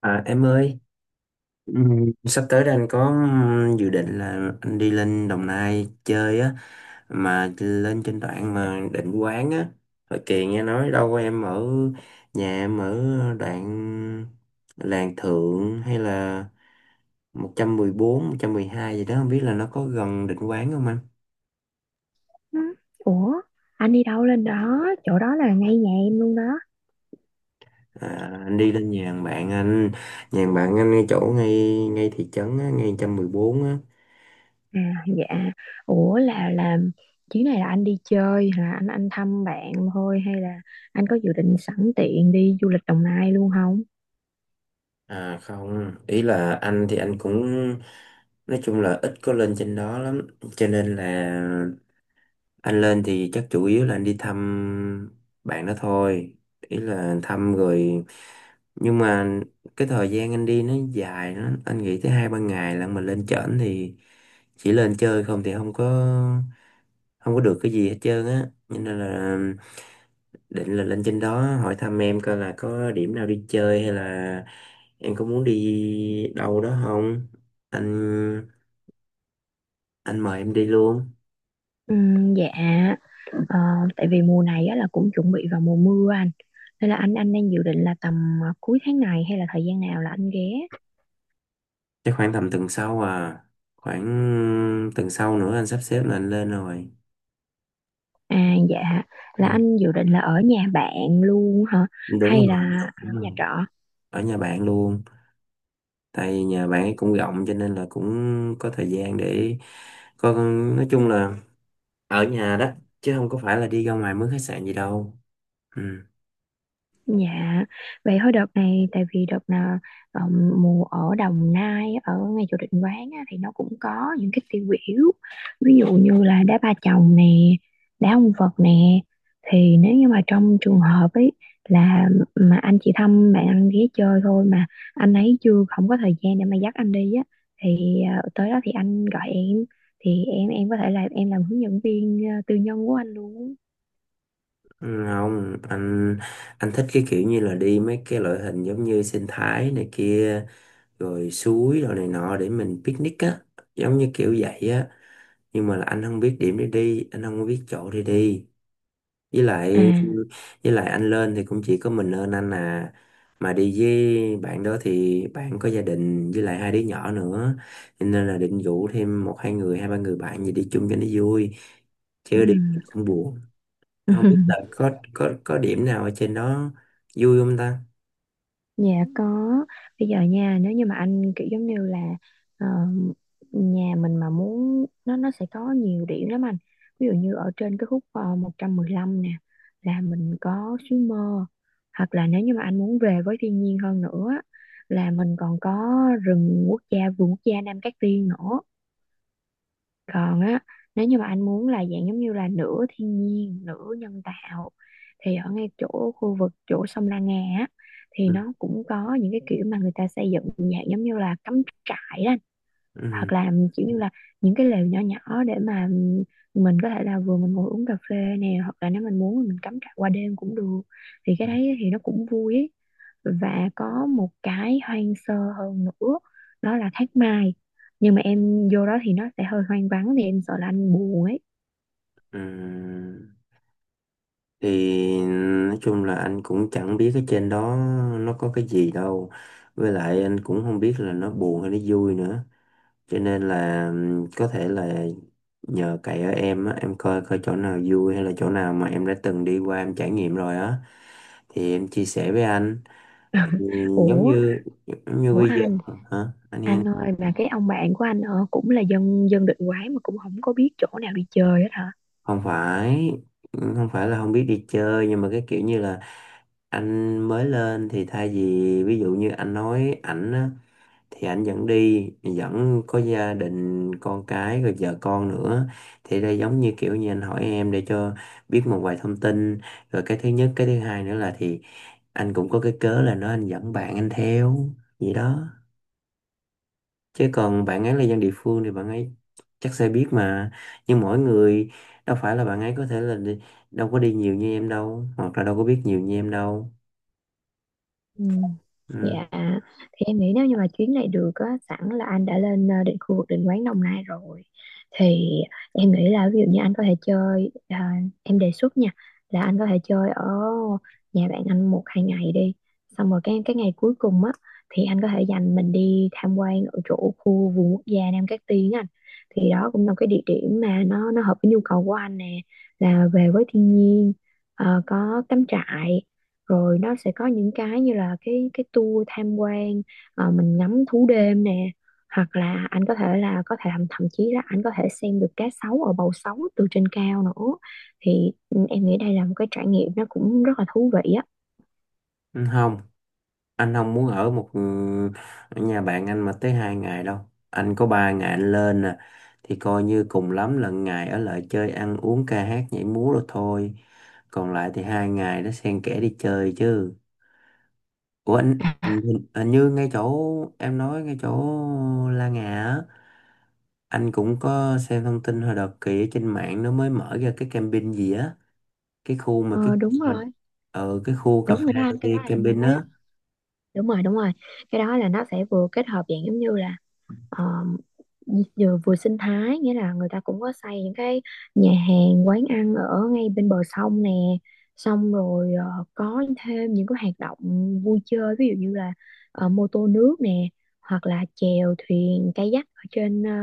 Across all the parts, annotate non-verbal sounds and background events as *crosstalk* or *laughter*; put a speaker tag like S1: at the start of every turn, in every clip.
S1: À, em ơi, sắp tới đây anh có dự định là anh đi lên Đồng Nai chơi á, mà lên trên đoạn mà Định Quán á. Hồi kìa nghe nói đâu em ở nhà em ở đoạn Làng Thượng hay là một một trăm trăm mười bốn 112 gì đó, không biết là nó có gần Định Quán không anh?
S2: Ừ. Ủa, anh đi đâu lên đó? Chỗ đó là ngay nhà em luôn đó.
S1: À, anh đi lên nhà thằng bạn anh, nhà thằng bạn anh ngay thị trấn á, ngay 114 á.
S2: À, dạ. Ủa là chuyến này là anh đi chơi hả? Anh thăm bạn thôi hay là anh có dự định sẵn tiện đi du lịch Đồng Nai luôn không?
S1: À không, ý là anh thì anh cũng nói chung là ít có lên trên đó lắm, cho nên là anh lên thì chắc chủ yếu là anh đi thăm bạn đó thôi, ý là thăm rồi nhưng mà cái thời gian anh đi nó dài lắm, anh nghĩ tới 2 3 ngày là mình lên trển thì chỉ lên chơi không thì không có được cái gì hết trơn á, cho nên là định là lên trên đó hỏi thăm em coi là có điểm nào đi chơi hay là em có muốn đi đâu đó không anh anh mời em đi luôn.
S2: Ừ, dạ. Ờ, Tại vì mùa này á là cũng chuẩn bị vào mùa mưa anh. Nên là anh đang dự định là tầm cuối tháng này hay là thời gian nào là anh ghé?
S1: Chắc khoảng tầm tuần sau à, khoảng tuần sau nữa anh sắp xếp là anh lên rồi.
S2: À, dạ. Là
S1: Ừ.
S2: anh dự định là ở nhà bạn luôn hả?
S1: Đúng
S2: Hay
S1: rồi.
S2: là
S1: Đúng
S2: ở nhà
S1: rồi.
S2: trọ?
S1: Ở nhà bạn luôn, tại vì nhà bạn ấy cũng rộng cho nên là cũng có thời gian để có, nói chung là ở nhà đó chứ không có phải là đi ra ngoài mướn khách sạn gì đâu. Ừ.
S2: Dạ, vậy thôi đợt này tại vì đợt nào mùa ở Đồng Nai ở ngay chỗ định quán á, thì nó cũng có những cái tiêu biểu, ví dụ như là đá ba chồng nè, đá ông Phật nè. Thì nếu như mà trong trường hợp ấy là mà anh chị thăm bạn anh ghé chơi thôi, mà anh ấy chưa không có thời gian để mà dắt anh đi á, thì tới đó thì anh gọi em, thì em có thể là em làm hướng dẫn viên tư nhân của anh luôn.
S1: Không anh, anh thích cái kiểu như là đi mấy cái loại hình giống như sinh thái này kia rồi suối rồi này nọ để mình picnic á, giống như kiểu vậy á, nhưng mà là anh không biết điểm để đi, anh không biết chỗ để đi, với
S2: À.
S1: lại với lại anh lên thì cũng chỉ có mình lên anh à, mà đi với bạn đó thì bạn có gia đình với lại hai đứa nhỏ nữa. Cho nên là định rủ thêm một hai người hai ba người bạn gì đi chung cho nó vui,
S2: Ừ.
S1: chứ đi cũng buồn. Không biết là
S2: *laughs*
S1: có điểm nào ở trên đó vui không ta.
S2: Dạ có. Bây giờ nha, nếu như mà anh kiểu giống như là ờ, nhà mình mà muốn, nó sẽ có nhiều điểm lắm anh. Ví dụ như ở trên cái khúc 115 nè, là mình có suối mơ. Hoặc là nếu như mà anh muốn về với thiên nhiên hơn nữa á, là mình còn có rừng quốc gia, vườn quốc gia Nam Cát Tiên nữa. Còn á, nếu như mà anh muốn là dạng giống như là nửa thiên nhiên nửa nhân tạo, thì ở ngay chỗ khu vực chỗ sông La Nga á, thì
S1: Ừ.
S2: nó cũng có những cái kiểu mà người ta xây dựng dạng giống như là cắm trại đó, hoặc
S1: Ừ.
S2: là kiểu như là những cái lều nhỏ nhỏ để mà mình có thể là vừa mình ngồi uống cà phê nè, hoặc là nếu mình muốn thì mình cắm trại qua đêm cũng được, thì cái đấy thì nó cũng vui ấy. Và có một cái hoang sơ hơn nữa, đó là Thác Mai, nhưng mà em vô đó thì nó sẽ hơi hoang vắng, thì em sợ là anh buồn ấy.
S1: Ừ. Thì nói chung là anh cũng chẳng biết ở trên đó nó có cái gì đâu, với lại anh cũng không biết là nó buồn hay nó vui nữa, cho nên là có thể là nhờ cậy ở em á, em coi coi chỗ nào vui hay là chỗ nào mà em đã từng đi qua em trải nghiệm rồi á thì em chia sẻ với anh.
S2: *laughs*
S1: Ừ, giống
S2: ủa
S1: như giống như
S2: ủa
S1: bây giờ.
S2: anh
S1: Hả anh?
S2: anh ơi, mà cái ông bạn của anh cũng là dân dân định quán, mà cũng không có biết chỗ nào đi chơi hết hả?
S1: Không phải không phải là không biết đi chơi, nhưng mà cái kiểu như là anh mới lên thì thay vì ví dụ như anh nói ảnh á, thì ảnh dẫn đi, dẫn có gia đình con cái rồi vợ con nữa, thì đây giống như kiểu như anh hỏi em để cho biết một vài thông tin, rồi cái thứ nhất cái thứ hai nữa là thì anh cũng có cái cớ là nó anh dẫn bạn anh theo, vậy đó. Chứ còn bạn ấy là dân địa phương thì bạn ấy chắc sẽ biết mà. Nhưng mỗi người đâu phải là bạn ấy có thể là đi, đâu có đi nhiều như em đâu, hoặc là đâu có biết nhiều như em đâu.
S2: Ừ.
S1: Ừ.
S2: Dạ, thì em nghĩ nếu như mà chuyến này được á, sẵn là anh đã lên định khu vực định quán Đồng Nai rồi, thì em nghĩ là ví dụ như anh có thể chơi, em đề xuất nha, là anh có thể chơi ở nhà bạn anh một hai ngày đi, xong rồi cái ngày cuối cùng á thì anh có thể dành mình đi tham quan ở chỗ khu vườn quốc gia Nam Cát Tiên á anh. Thì đó cũng là một cái địa điểm mà nó hợp với nhu cầu của anh nè, là về với thiên nhiên, có cắm trại, rồi nó sẽ có những cái như là cái tour tham quan, mình ngắm thú đêm nè, hoặc là anh có thể thậm chí là anh có thể xem được cá sấu ở bầu sấu từ trên cao nữa, thì em nghĩ đây là một cái trải nghiệm nó cũng rất là thú vị á.
S1: Ừ, không, anh không muốn ở một ở nhà bạn anh mà tới 2 ngày đâu. Anh có 3 ngày anh lên nè, thì coi như cùng lắm là ngày ở lại chơi ăn uống ca hát nhảy múa rồi thôi. Còn lại thì 2 ngày nó xen kẽ đi chơi chứ. Ủa anh, như ngay chỗ em nói, ngay chỗ La Ngà á. Anh cũng có xem thông tin hồi đợt kì trên mạng nó mới mở ra cái camping gì á, cái khu mà cái
S2: Ờ, Đúng
S1: khu mình
S2: rồi,
S1: ở, cái khu cà
S2: đúng rồi đó anh, cái đó
S1: phê
S2: là em
S1: camping
S2: nói á.
S1: á.
S2: Đúng rồi, đúng rồi. Cái đó là nó sẽ vừa kết hợp dạng giống như là um, vừa sinh thái, nghĩa là người ta cũng có xây những cái nhà hàng quán ăn ở ngay bên bờ sông nè, xong rồi có thêm những cái hoạt động vui chơi, ví dụ như là mô tô nước nè, hoặc là chèo thuyền kayak ở trên, ờ,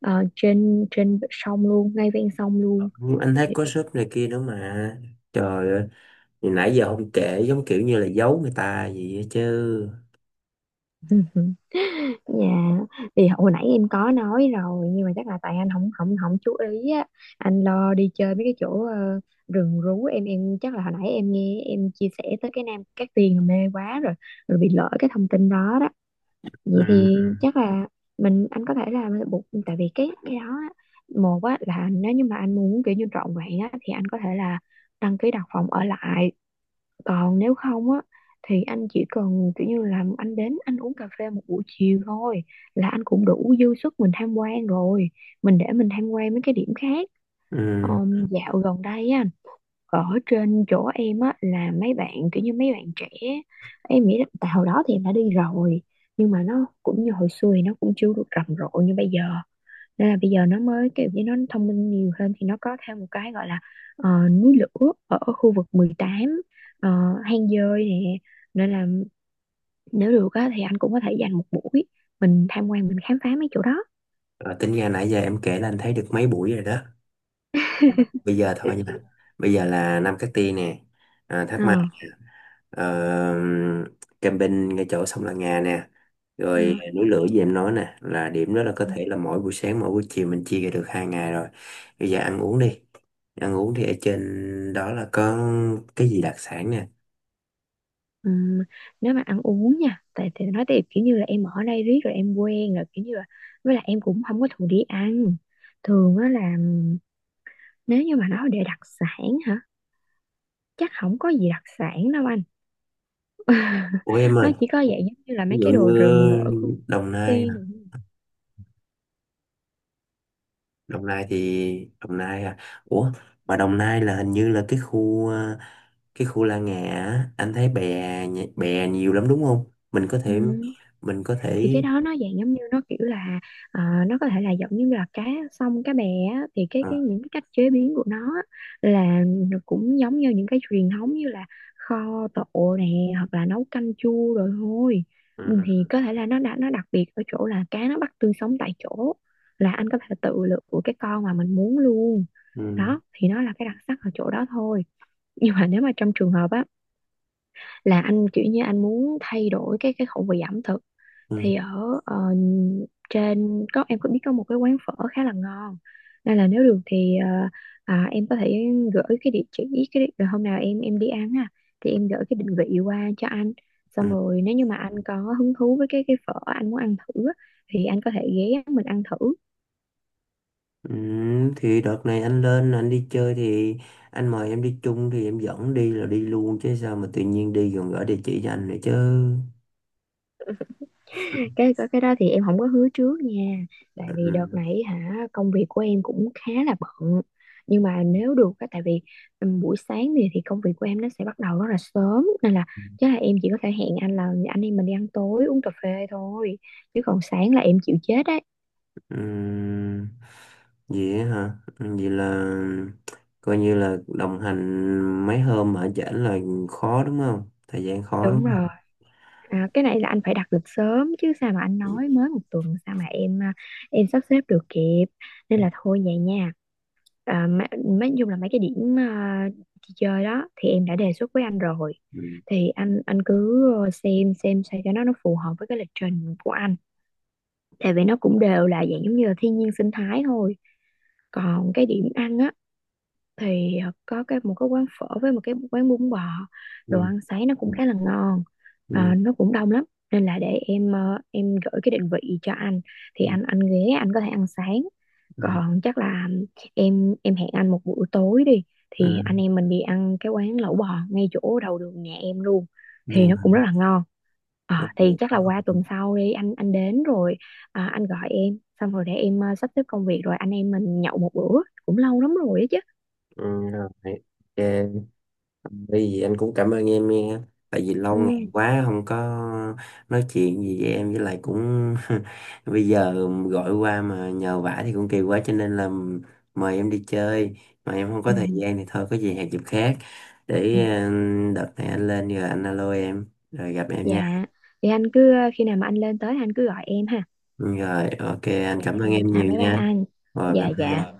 S2: ờ, trên sông luôn, ngay ven sông luôn
S1: Ừ, anh thấy
S2: thì.
S1: có shop này kia nữa mà. Trời ơi, thì nãy giờ không kể, giống kiểu như là giấu người ta gì vậy chứ.
S2: Ừ. Dạ, thì hồi nãy em có nói rồi, nhưng mà chắc là tại anh không không không chú ý á, anh lo đi chơi mấy cái chỗ rừng rú. Em chắc là hồi nãy em nghe, em chia sẻ tới cái Nam Cát Tiên là mê quá rồi, rồi bị lỡ cái thông tin đó đó.
S1: Ừ.
S2: Vậy thì chắc là mình anh có thể là buộc, tại vì cái đó á, một á là nếu như mà anh muốn kiểu như trọn vẹn á thì anh có thể là đăng ký đặt phòng ở lại, còn nếu không á thì anh chỉ cần kiểu như là anh đến anh uống cà phê một buổi chiều thôi, là anh cũng đủ dư sức mình tham quan rồi. Mình để mình tham quan mấy cái điểm khác.
S1: Ừ.
S2: Dạo gần đây á, ở trên chỗ em á là mấy bạn kiểu như mấy bạn trẻ, em nghĩ là tại hồi đó thì em đã đi rồi, nhưng mà nó cũng như hồi xưa thì nó cũng chưa được rầm rộ như bây giờ, nên là bây giờ nó mới kiểu như nó thông minh nhiều hơn, thì nó có thêm một cái gọi là núi lửa ở khu vực 18, ờ, hang dơi nè, nên là nếu được á, thì anh cũng có thể dành một buổi mình tham quan, mình khám phá mấy chỗ đó.
S1: Rồi tính ra nãy giờ em kể là anh thấy được mấy buổi rồi đó. Bây giờ thôi nha. Bây giờ là năm cái tia nè. À, thắc
S2: Ờ,
S1: mắc uh, camping ngay chỗ sông La Nga nè,
S2: ờ,
S1: rồi núi lửa gì em nói nè, là điểm đó là có
S2: ờ.
S1: thể là mỗi buổi sáng mỗi buổi chiều mình chia ra được 2 ngày rồi. Bây giờ ăn uống đi, ăn uống thì ở trên đó là có cái gì đặc sản nè?
S2: Ừm, Nếu mà ăn uống nha, tại thì nói tiếp kiểu như là em ở đây riết rồi em quen rồi, kiểu như là, với lại em cũng không có thường đi ăn, thường á là nếu như mà nói để đặc sản hả, chắc không có gì đặc sản đâu anh.
S1: Ủa em
S2: *laughs* Nó
S1: ơi,
S2: chỉ có dạng giống như là
S1: ví
S2: mấy
S1: dụ
S2: cái đồ
S1: như
S2: rừng ở khu vực
S1: Đồng
S2: Cát
S1: Nai hả?
S2: Tiên rồi.
S1: Đồng Nai thì Đồng Nai à. Ủa, mà Đồng Nai là hình như là cái khu cái khu La Ngà á, anh thấy bè bè nhiều lắm đúng không, mình có
S2: Ừ,
S1: thể mình có
S2: thì
S1: thể
S2: cái đó nó dạng giống như nó kiểu là ờ, nó có thể là giống như là cá sông cá bè á, thì cái
S1: ờ,
S2: cái những cái cách chế biến của nó á, là nó cũng giống như những cái truyền thống như là kho tộ nè, hoặc là nấu canh chua rồi thôi.
S1: ừ.
S2: Ừ, thì
S1: Ừ.
S2: có thể là nó đã, nó đặc biệt ở chỗ là cá nó bắt tươi sống tại chỗ, là anh có thể tự lựa của cái con mà mình muốn luôn,
S1: Ừ,
S2: đó thì nó là cái đặc sắc ở chỗ đó thôi. Nhưng mà nếu mà trong trường hợp á, là anh kiểu như anh muốn thay đổi cái khẩu vị ẩm thực,
S1: ừ,
S2: thì ở trên có em có biết có một cái quán phở khá là ngon, nên là nếu được thì em có thể gửi cái địa chỉ, cái rồi hôm nào em đi ăn ha, thì em gửi cái định vị qua cho anh, xong
S1: ừ.
S2: rồi nếu như mà anh có hứng thú với cái phở anh muốn ăn thử á, thì anh có thể ghé mình ăn thử.
S1: Ừ, thì đợt này anh lên anh đi chơi thì anh mời em đi chung thì em dẫn đi là đi luôn chứ, sao mà tự nhiên đi còn gửi địa chỉ cho anh nữa chứ.
S2: Cái đó thì em không có hứa trước nha, tại vì đợt
S1: Ừ,
S2: này hả công việc của em cũng khá là bận, nhưng mà nếu được á tại vì buổi sáng thì công việc của em nó sẽ bắt đầu rất là sớm, nên là chắc là em chỉ có thể hẹn anh là anh em mình đi ăn tối, uống cà phê thôi, chứ còn sáng là em chịu chết đấy.
S1: ừ. Vậy á hả? Ừ, vậy là coi như là đồng hành mấy hôm ở chảnh là khó đúng không, thời gian khó
S2: Đúng
S1: đúng không.
S2: rồi. À, cái này là anh phải đặt lịch sớm chứ, sao mà anh nói mới một tuần sao mà em, em sắp xếp được kịp, nên là thôi vậy nha. À, nói chung là mấy cái điểm đi chơi đó thì em đã đề xuất với anh rồi,
S1: Ừ,
S2: thì anh cứ xem sao cho nó phù hợp với cái lịch trình của anh, tại vì nó cũng đều là dạng giống như là thiên nhiên sinh thái thôi. Còn cái điểm ăn á thì có một cái quán phở với một cái quán bún bò,
S1: ừ,
S2: đồ ăn sáng nó cũng khá là ngon.
S1: ừ,
S2: Ờ, nó cũng đông lắm, nên là để em em gửi cái định vị cho anh, thì
S1: ừ,
S2: anh ghé anh có thể ăn sáng.
S1: ừ.
S2: Còn chắc là em hẹn anh một buổi tối đi,
S1: Ừ.
S2: thì anh em mình đi ăn cái quán lẩu bò ngay chỗ đầu đường nhà em luôn, thì
S1: Yeah.
S2: nó cũng rất là ngon. Ờ, thì chắc là
S1: Ok.
S2: qua tuần sau đi, anh đến rồi anh gọi em, xong rồi để em sắp xếp công việc, rồi anh em mình nhậu một bữa, cũng lâu lắm rồi á chứ.
S1: Ừ, rồi. Ok. Bởi vì anh cũng cảm ơn em nha. Tại vì lâu ngày
S2: Ừ,
S1: quá không có nói chuyện gì với em, với lại cũng *laughs* bây giờ gọi qua mà nhờ vả thì cũng kỳ quá, cho nên là mời em đi chơi mà em không có
S2: ừ,
S1: thời gian thì thôi, có gì hẹn dịp khác
S2: ừ.
S1: để đợt này anh lên rồi anh alo em rồi gặp em nha.
S2: Dạ, thì anh cứ khi nào mà anh lên tới anh cứ gọi em ha.
S1: Rồi ok, anh
S2: Dạ,
S1: cảm ơn em
S2: dạ,
S1: nhiều
S2: bye bye
S1: nha.
S2: anh.
S1: Rồi bye
S2: Dạ, dạ.
S1: bye.